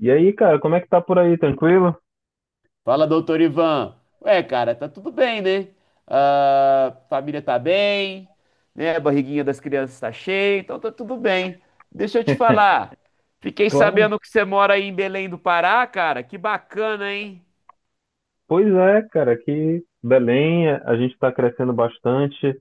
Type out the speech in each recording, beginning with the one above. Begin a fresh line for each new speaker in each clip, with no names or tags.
E aí, cara, como é que tá por aí? Tranquilo?
Fala, doutor Ivan. Ué, cara, tá tudo bem, né? Ah, família tá bem, né? A barriguinha das crianças tá cheia, então tá tudo bem. Deixa eu te falar. Fiquei
Claro.
sabendo que você mora aí em Belém do Pará, cara. Que bacana, hein?
Pois é, cara, aqui Belém, a gente tá crescendo bastante.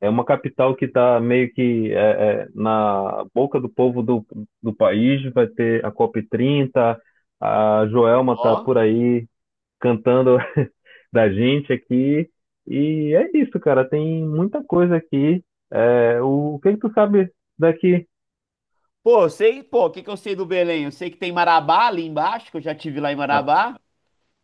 É uma capital que tá meio que na boca do povo do país. Vai ter a COP30, a Joelma tá
Ó.
por aí cantando da gente aqui. E é isso, cara, tem muita coisa aqui. O que que tu sabe daqui?
Pô, eu sei, pô, o que que eu sei do Belém? Eu sei que tem Marabá ali embaixo, que eu já tive lá em
Ah,
Marabá.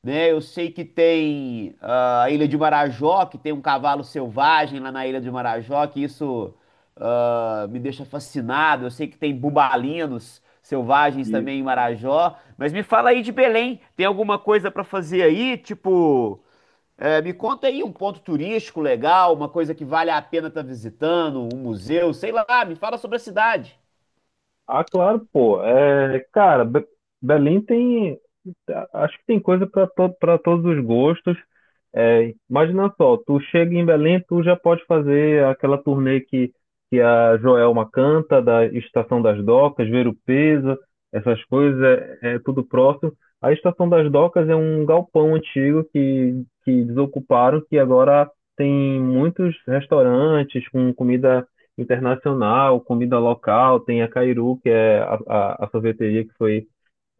Né? Eu sei que tem a Ilha de Marajó, que tem um cavalo selvagem lá na Ilha de Marajó, que isso me deixa fascinado. Eu sei que tem bubalinos selvagens
isso.
também em Marajó. Mas me fala aí de Belém, tem alguma coisa para fazer aí? Tipo, me conta aí um ponto turístico legal, uma coisa que vale a pena estar visitando, um museu, sei lá, me fala sobre a cidade.
Ah, claro, pô. É, cara, Belém tem. Acho que tem coisa para todos os gostos. É, imagina só, tu chega em Belém, tu já pode fazer aquela turnê que a Joelma canta, da Estação das Docas, Verupeza essas coisas, é, é tudo próximo. A Estação das Docas é um galpão antigo que desocuparam, que agora tem muitos restaurantes com comida internacional, comida local, tem a Cairu, que é a sorveteria que foi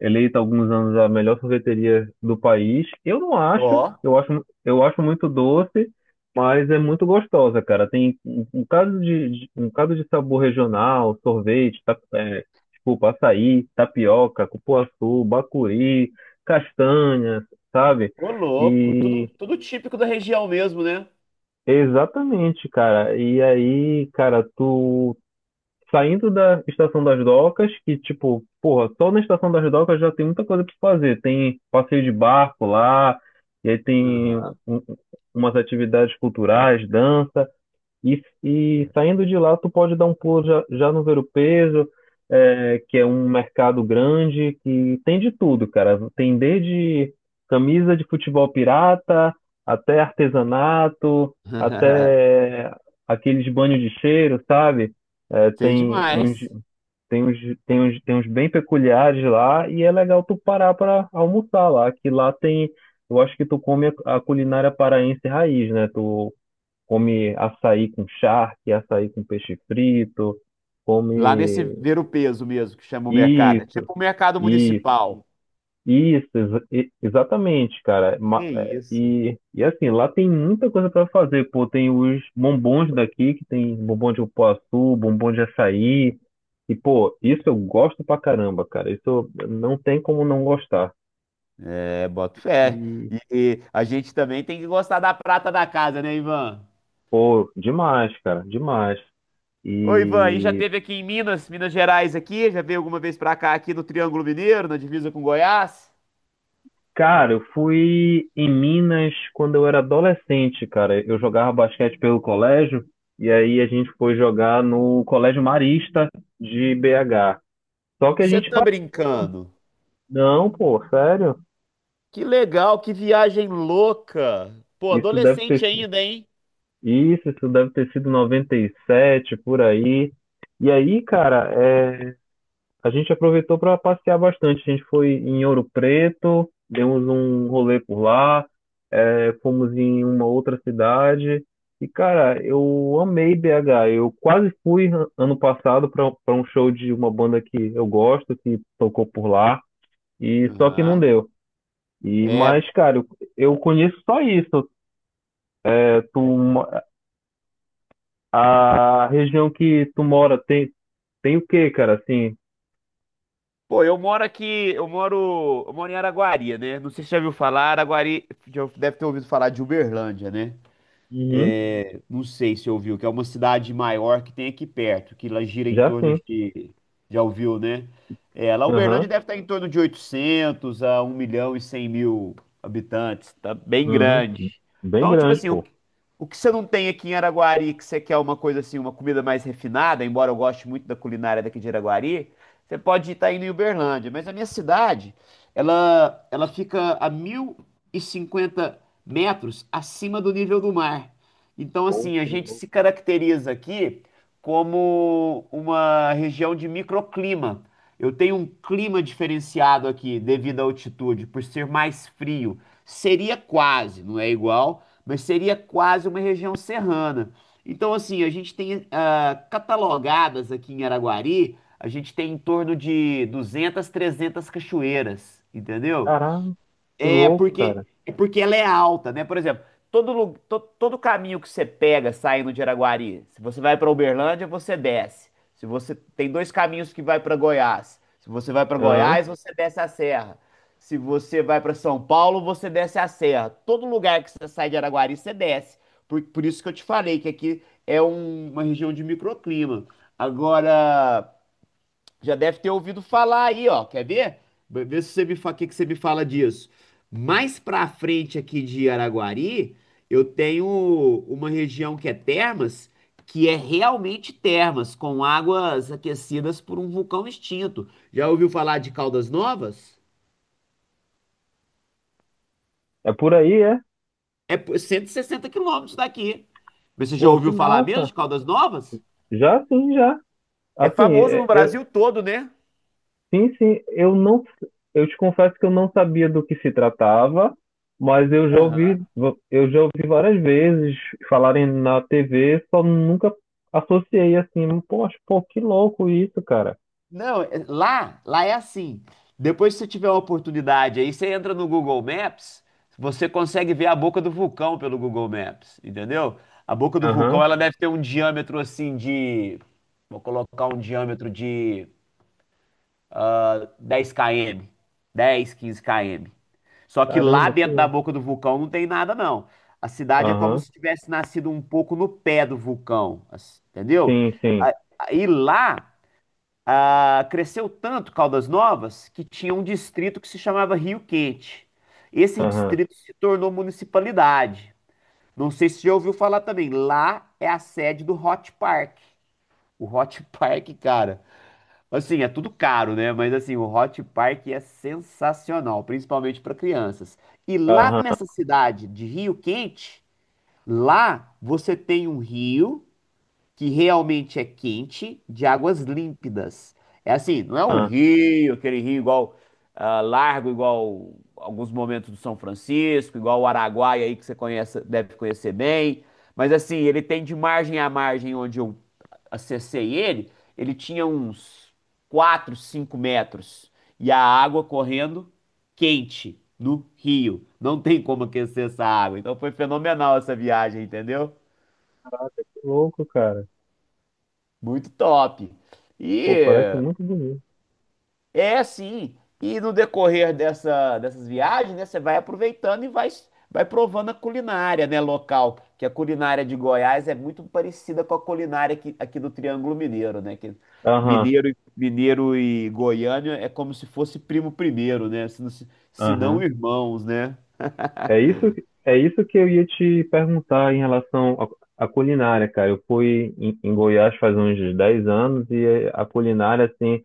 eleita há alguns anos a melhor sorveteria do país. Eu não acho,
Ó,
eu acho, eu acho muito doce, mas é muito gostosa, cara. Tem um bocado um bocado de sabor regional, sorvete, ta, é, desculpa, açaí, tapioca, cupuaçu, bacuri, castanha, sabe?
ô louco, tudo,
E
tudo típico da região mesmo, né?
exatamente, cara. E aí, cara, tu saindo da Estação das Docas, que, tipo, porra, só na Estação das Docas já tem muita coisa pra se fazer. Tem passeio de barco lá, e aí tem
Aham.
umas atividades culturais, dança. E saindo de lá, tu pode dar um pulo já, já no Ver o Peso, é, que é um mercado grande, que tem de tudo, cara. Tem desde camisa de futebol pirata, até artesanato, até aqueles banhos de cheiro, sabe? É,
Sei
tem uns,
demais.
tem uns, tem uns bem peculiares lá, e é legal tu parar para almoçar lá, que lá tem. Eu acho que tu come a culinária paraense raiz, né? Tu come açaí com charque, açaí com peixe frito,
Lá nesse
come
ver o peso mesmo, que chama o mercado. É
isso,
tipo o mercado
isso,
municipal.
exatamente, cara.
Que isso?
Assim, lá tem muita coisa para fazer, pô, tem os bombons daqui, que tem bombom de cupuaçu, bombom de açaí, e pô, isso eu gosto pra caramba, cara. Não tem como não gostar.
É, boto fé.
E
E a gente também tem que gostar da prata da casa, né, Ivan?
pô, demais, cara, demais.
Ô, Ivan, e já
E
teve aqui em Minas, Minas Gerais aqui? Já veio alguma vez pra cá, aqui no Triângulo Mineiro, na divisa com Goiás?
cara, eu fui em Minas quando eu era adolescente, cara. Eu jogava basquete pelo colégio e aí a gente foi jogar no Colégio Marista de BH. Só que a
Você
gente
tá
passou. Também.
brincando?
Não, pô, sério?
Que legal, que viagem louca. Pô,
Isso deve ter
adolescente
sido.
ainda, hein?
Isso deve ter sido 97, por aí. E aí, cara, é, a gente aproveitou para passear bastante. A gente foi em Ouro Preto, demos um rolê por lá. Fomos em uma outra cidade. E, cara, eu amei BH. Eu quase ano passado para um show de uma banda que eu gosto, que tocou por lá, e só que não
Aham.
deu. E,
É.
mas, cara, eu, eu conheço só isso. É, a região que tu mora tem, tem o quê, cara? Assim,
Pô, eu moro aqui, eu moro em Araguari, né? Não sei se você já viu falar, Araguari já deve ter ouvido falar de Uberlândia, né?
uhum,
Não sei se ouviu, que é uma cidade maior que tem aqui perto, que ela gira em
já
torno
sim.
de. Já ouviu, né? É, lá
Aham,
Uberlândia deve estar em torno de 800.000 a 1.100.000 habitantes, tá bem
uhum,
grande.
bem
Então, tipo
grande,
assim,
pô.
o que você não tem aqui em Araguari, que você quer uma coisa assim, uma comida mais refinada, embora eu goste muito da culinária daqui de Araguari, você pode estar indo em Uberlândia. Mas a minha cidade, ela fica a 1.050 metros acima do nível do mar. Então,
Pô,
assim, a
que
gente
louco.
se caracteriza aqui como uma região de microclima. Eu tenho um clima diferenciado aqui devido à altitude, por ser mais frio. Seria quase, não é igual, mas seria quase uma região serrana. Então, assim, a gente tem catalogadas aqui em Araguari, a gente tem em torno de 200, 300 cachoeiras, entendeu?
Caralho, que louco, cara.
É porque ela é alta, né? Por exemplo, todo, lu- to- todo caminho que você pega saindo de Araguari, se você vai para Uberlândia, você desce. Se você tem dois caminhos que vai para Goiás. Se você vai para
Aham.
Goiás, você desce a serra. Se você vai para São Paulo, você desce a serra. Todo lugar que você sai de Araguari, você desce. Por isso que eu te falei que aqui é um- uma região de microclima. Agora, já deve ter ouvido falar aí, ó. Quer ver? Vê vê se você me fa... o que que você me fala disso. Mais pra frente aqui de Araguari, eu tenho uma região que é termas, que é realmente termas, com águas aquecidas por um vulcão extinto. Já ouviu falar de Caldas Novas?
É por aí, é?
É por 160 quilômetros daqui. Mas você já
Pô, que
ouviu falar mesmo
massa.
de Caldas Novas?
Já sim, já.
É
Assim,
famoso no Brasil todo, né?
sim, sim, eu não, eu te confesso que eu não sabia do que se tratava, mas
Aham.
eu já ouvi várias vezes falarem na TV, só nunca associei assim, poxa, pô, que louco isso, cara.
Não, é- lá, lá é assim. Depois, se você tiver uma oportunidade aí, você entra no Google Maps, você consegue ver a boca do vulcão pelo Google Maps, entendeu? A boca do vulcão,
Aham,
ela deve ter um diâmetro assim de, vou colocar um diâmetro de 10 km, 10, 15 km. Só que lá
caramba, que
dentro da
louco.
boca do vulcão não tem nada, não. A cidade é como
Aham,
se tivesse nascido um pouco no pé do vulcão, assim, entendeu?
sim, sim,
A- Aí lá cresceu tanto Caldas Novas que tinha um distrito que se chamava Rio Quente. Esse
aham,
distrito se tornou municipalidade. Não sei se já ouviu falar também. Lá é a sede do Hot Park. O Hot Park, cara, assim, é tudo caro, né? Mas assim, o Hot Park é sensacional, principalmente para crianças. E lá
aham,
nessa cidade de Rio Quente, lá você tem um rio que realmente é quente, de águas límpidas. É assim, não é um
aham,
rio, aquele rio igual largo, igual alguns momentos do São Francisco, igual o Araguaia aí que você conhece, deve conhecer bem. Mas assim, ele tem de margem a margem onde eu acessei ele, ele tinha uns 4, 5 metros. E a água correndo quente no rio. Não tem como aquecer essa água. Então foi fenomenal essa viagem, entendeu?
que louco, cara.
Muito top.
Pô,
E
parece muito bonito.
é sim. E no decorrer dessa, dessas viagens, né, você vai aproveitando e vai, vai provando a culinária, né, local. Que a culinária de Goiás é muito parecida com a culinária aqui, aqui do Triângulo Mineiro, né? Que
Aham,
mineiro, e- mineiro e Goiânia é como se fosse primo primeiro, né? Se não, se se não
aham.
irmãos, né?
É isso, é isso que eu ia te perguntar em relação à culinária, cara. Eu fui em Goiás faz uns 10 anos e a culinária, assim,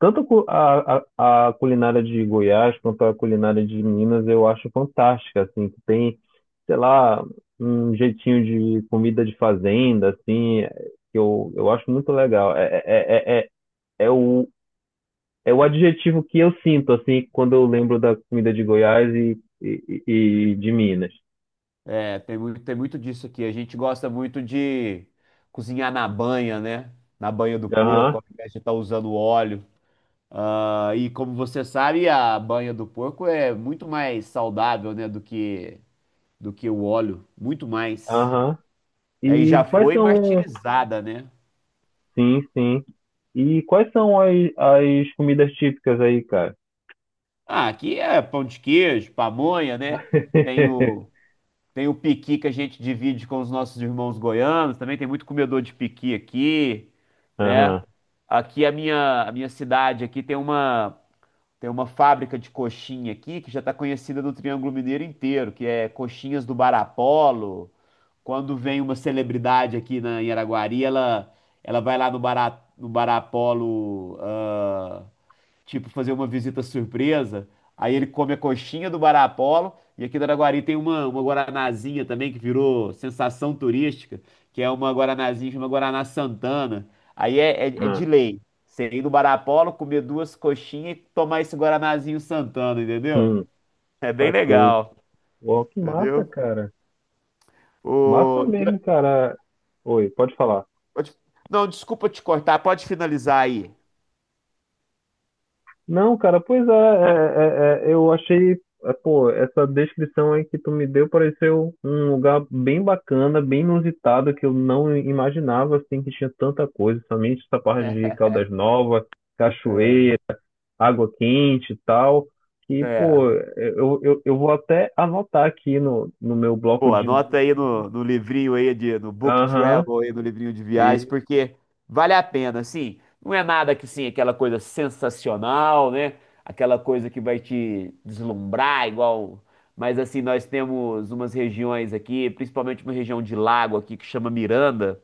tanto a culinária de Goiás quanto a culinária de Minas, eu acho fantástica, assim, que tem, sei lá, um jeitinho de comida de fazenda, assim, que eu acho muito legal. É o, é o adjetivo que eu sinto, assim, quando eu lembro da comida de Goiás e de Minas.
É, tem muito disso aqui. A gente gosta muito de cozinhar na banha, né? Na banha do porco,
Aham,
ao invés de estar usando óleo. Ah, e como você sabe, a banha do porco é muito mais saudável, né, do que o óleo, muito mais.
aham.
Aí já
E quais
foi
são.
martirizada, né?
Sim, sim. E quais são as comidas típicas aí, cara?
Ah, aqui é pão de queijo, pamonha, né? Tem o tem o piqui que a gente divide com os nossos irmãos goianos, também tem muito comedor de piqui aqui, né?
Aham.
Aqui a minha cidade aqui tem uma fábrica de coxinha aqui que já está conhecida no Triângulo Mineiro inteiro, que é Coxinhas do Barapolo. Quando vem uma celebridade aqui na, em Araguari, ela vai lá no Bará, no Barapolo, tipo, fazer uma visita surpresa. Aí ele come a coxinha do Barapolo. E aqui em Araguari tem uma guaranazinha também que virou sensação turística, que é uma guaranazinha, chama Guaraná Santana. Aí é, é, é
Aham.
de lei. Você ir no Barapolo, comer duas coxinhas e tomar esse guaranazinho Santana, entendeu?
Hum,
É bem
saquei.
legal,
Uau, que massa,
entendeu?
cara. Massa
O...
mesmo, cara. Oi, pode falar.
Pode- Não, desculpa te cortar, pode finalizar aí.
Não, cara, pois é, eu achei, é, pô, essa descrição aí que tu me deu pareceu um lugar bem bacana, bem inusitado, que eu não imaginava, assim, que tinha tanta coisa, somente essa parte de Caldas Novas,
É,
cachoeira. Água quente e tal. E,
é.
pô, eu vou até anotar aqui no meu bloco
Pô,
de
anota
notas.
aí no, no livrinho aí, de, no Book
Aham,
Travel aí, no livrinho de viagens,
e
porque vale a pena, assim. Não é nada que, sim, aquela coisa sensacional, né? Aquela coisa que vai te deslumbrar, igual... Mas, assim, nós temos umas regiões aqui, principalmente uma região de lago aqui que chama Miranda,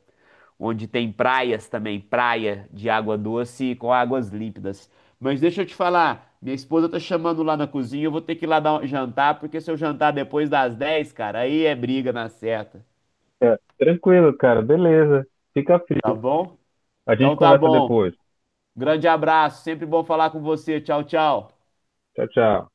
onde tem praias também, praia de água doce com águas límpidas. Mas deixa eu te falar, minha esposa tá chamando lá na cozinha, eu vou ter que ir lá dar um jantar, porque se eu jantar depois das 10, cara, aí é briga na certa,
é, tranquilo, cara, beleza. Fica
tá
frio.
bom?
A gente
Então tá
conversa
bom.
depois.
Grande abraço, sempre bom falar com você. Tchau, tchau.
Tchau, tchau.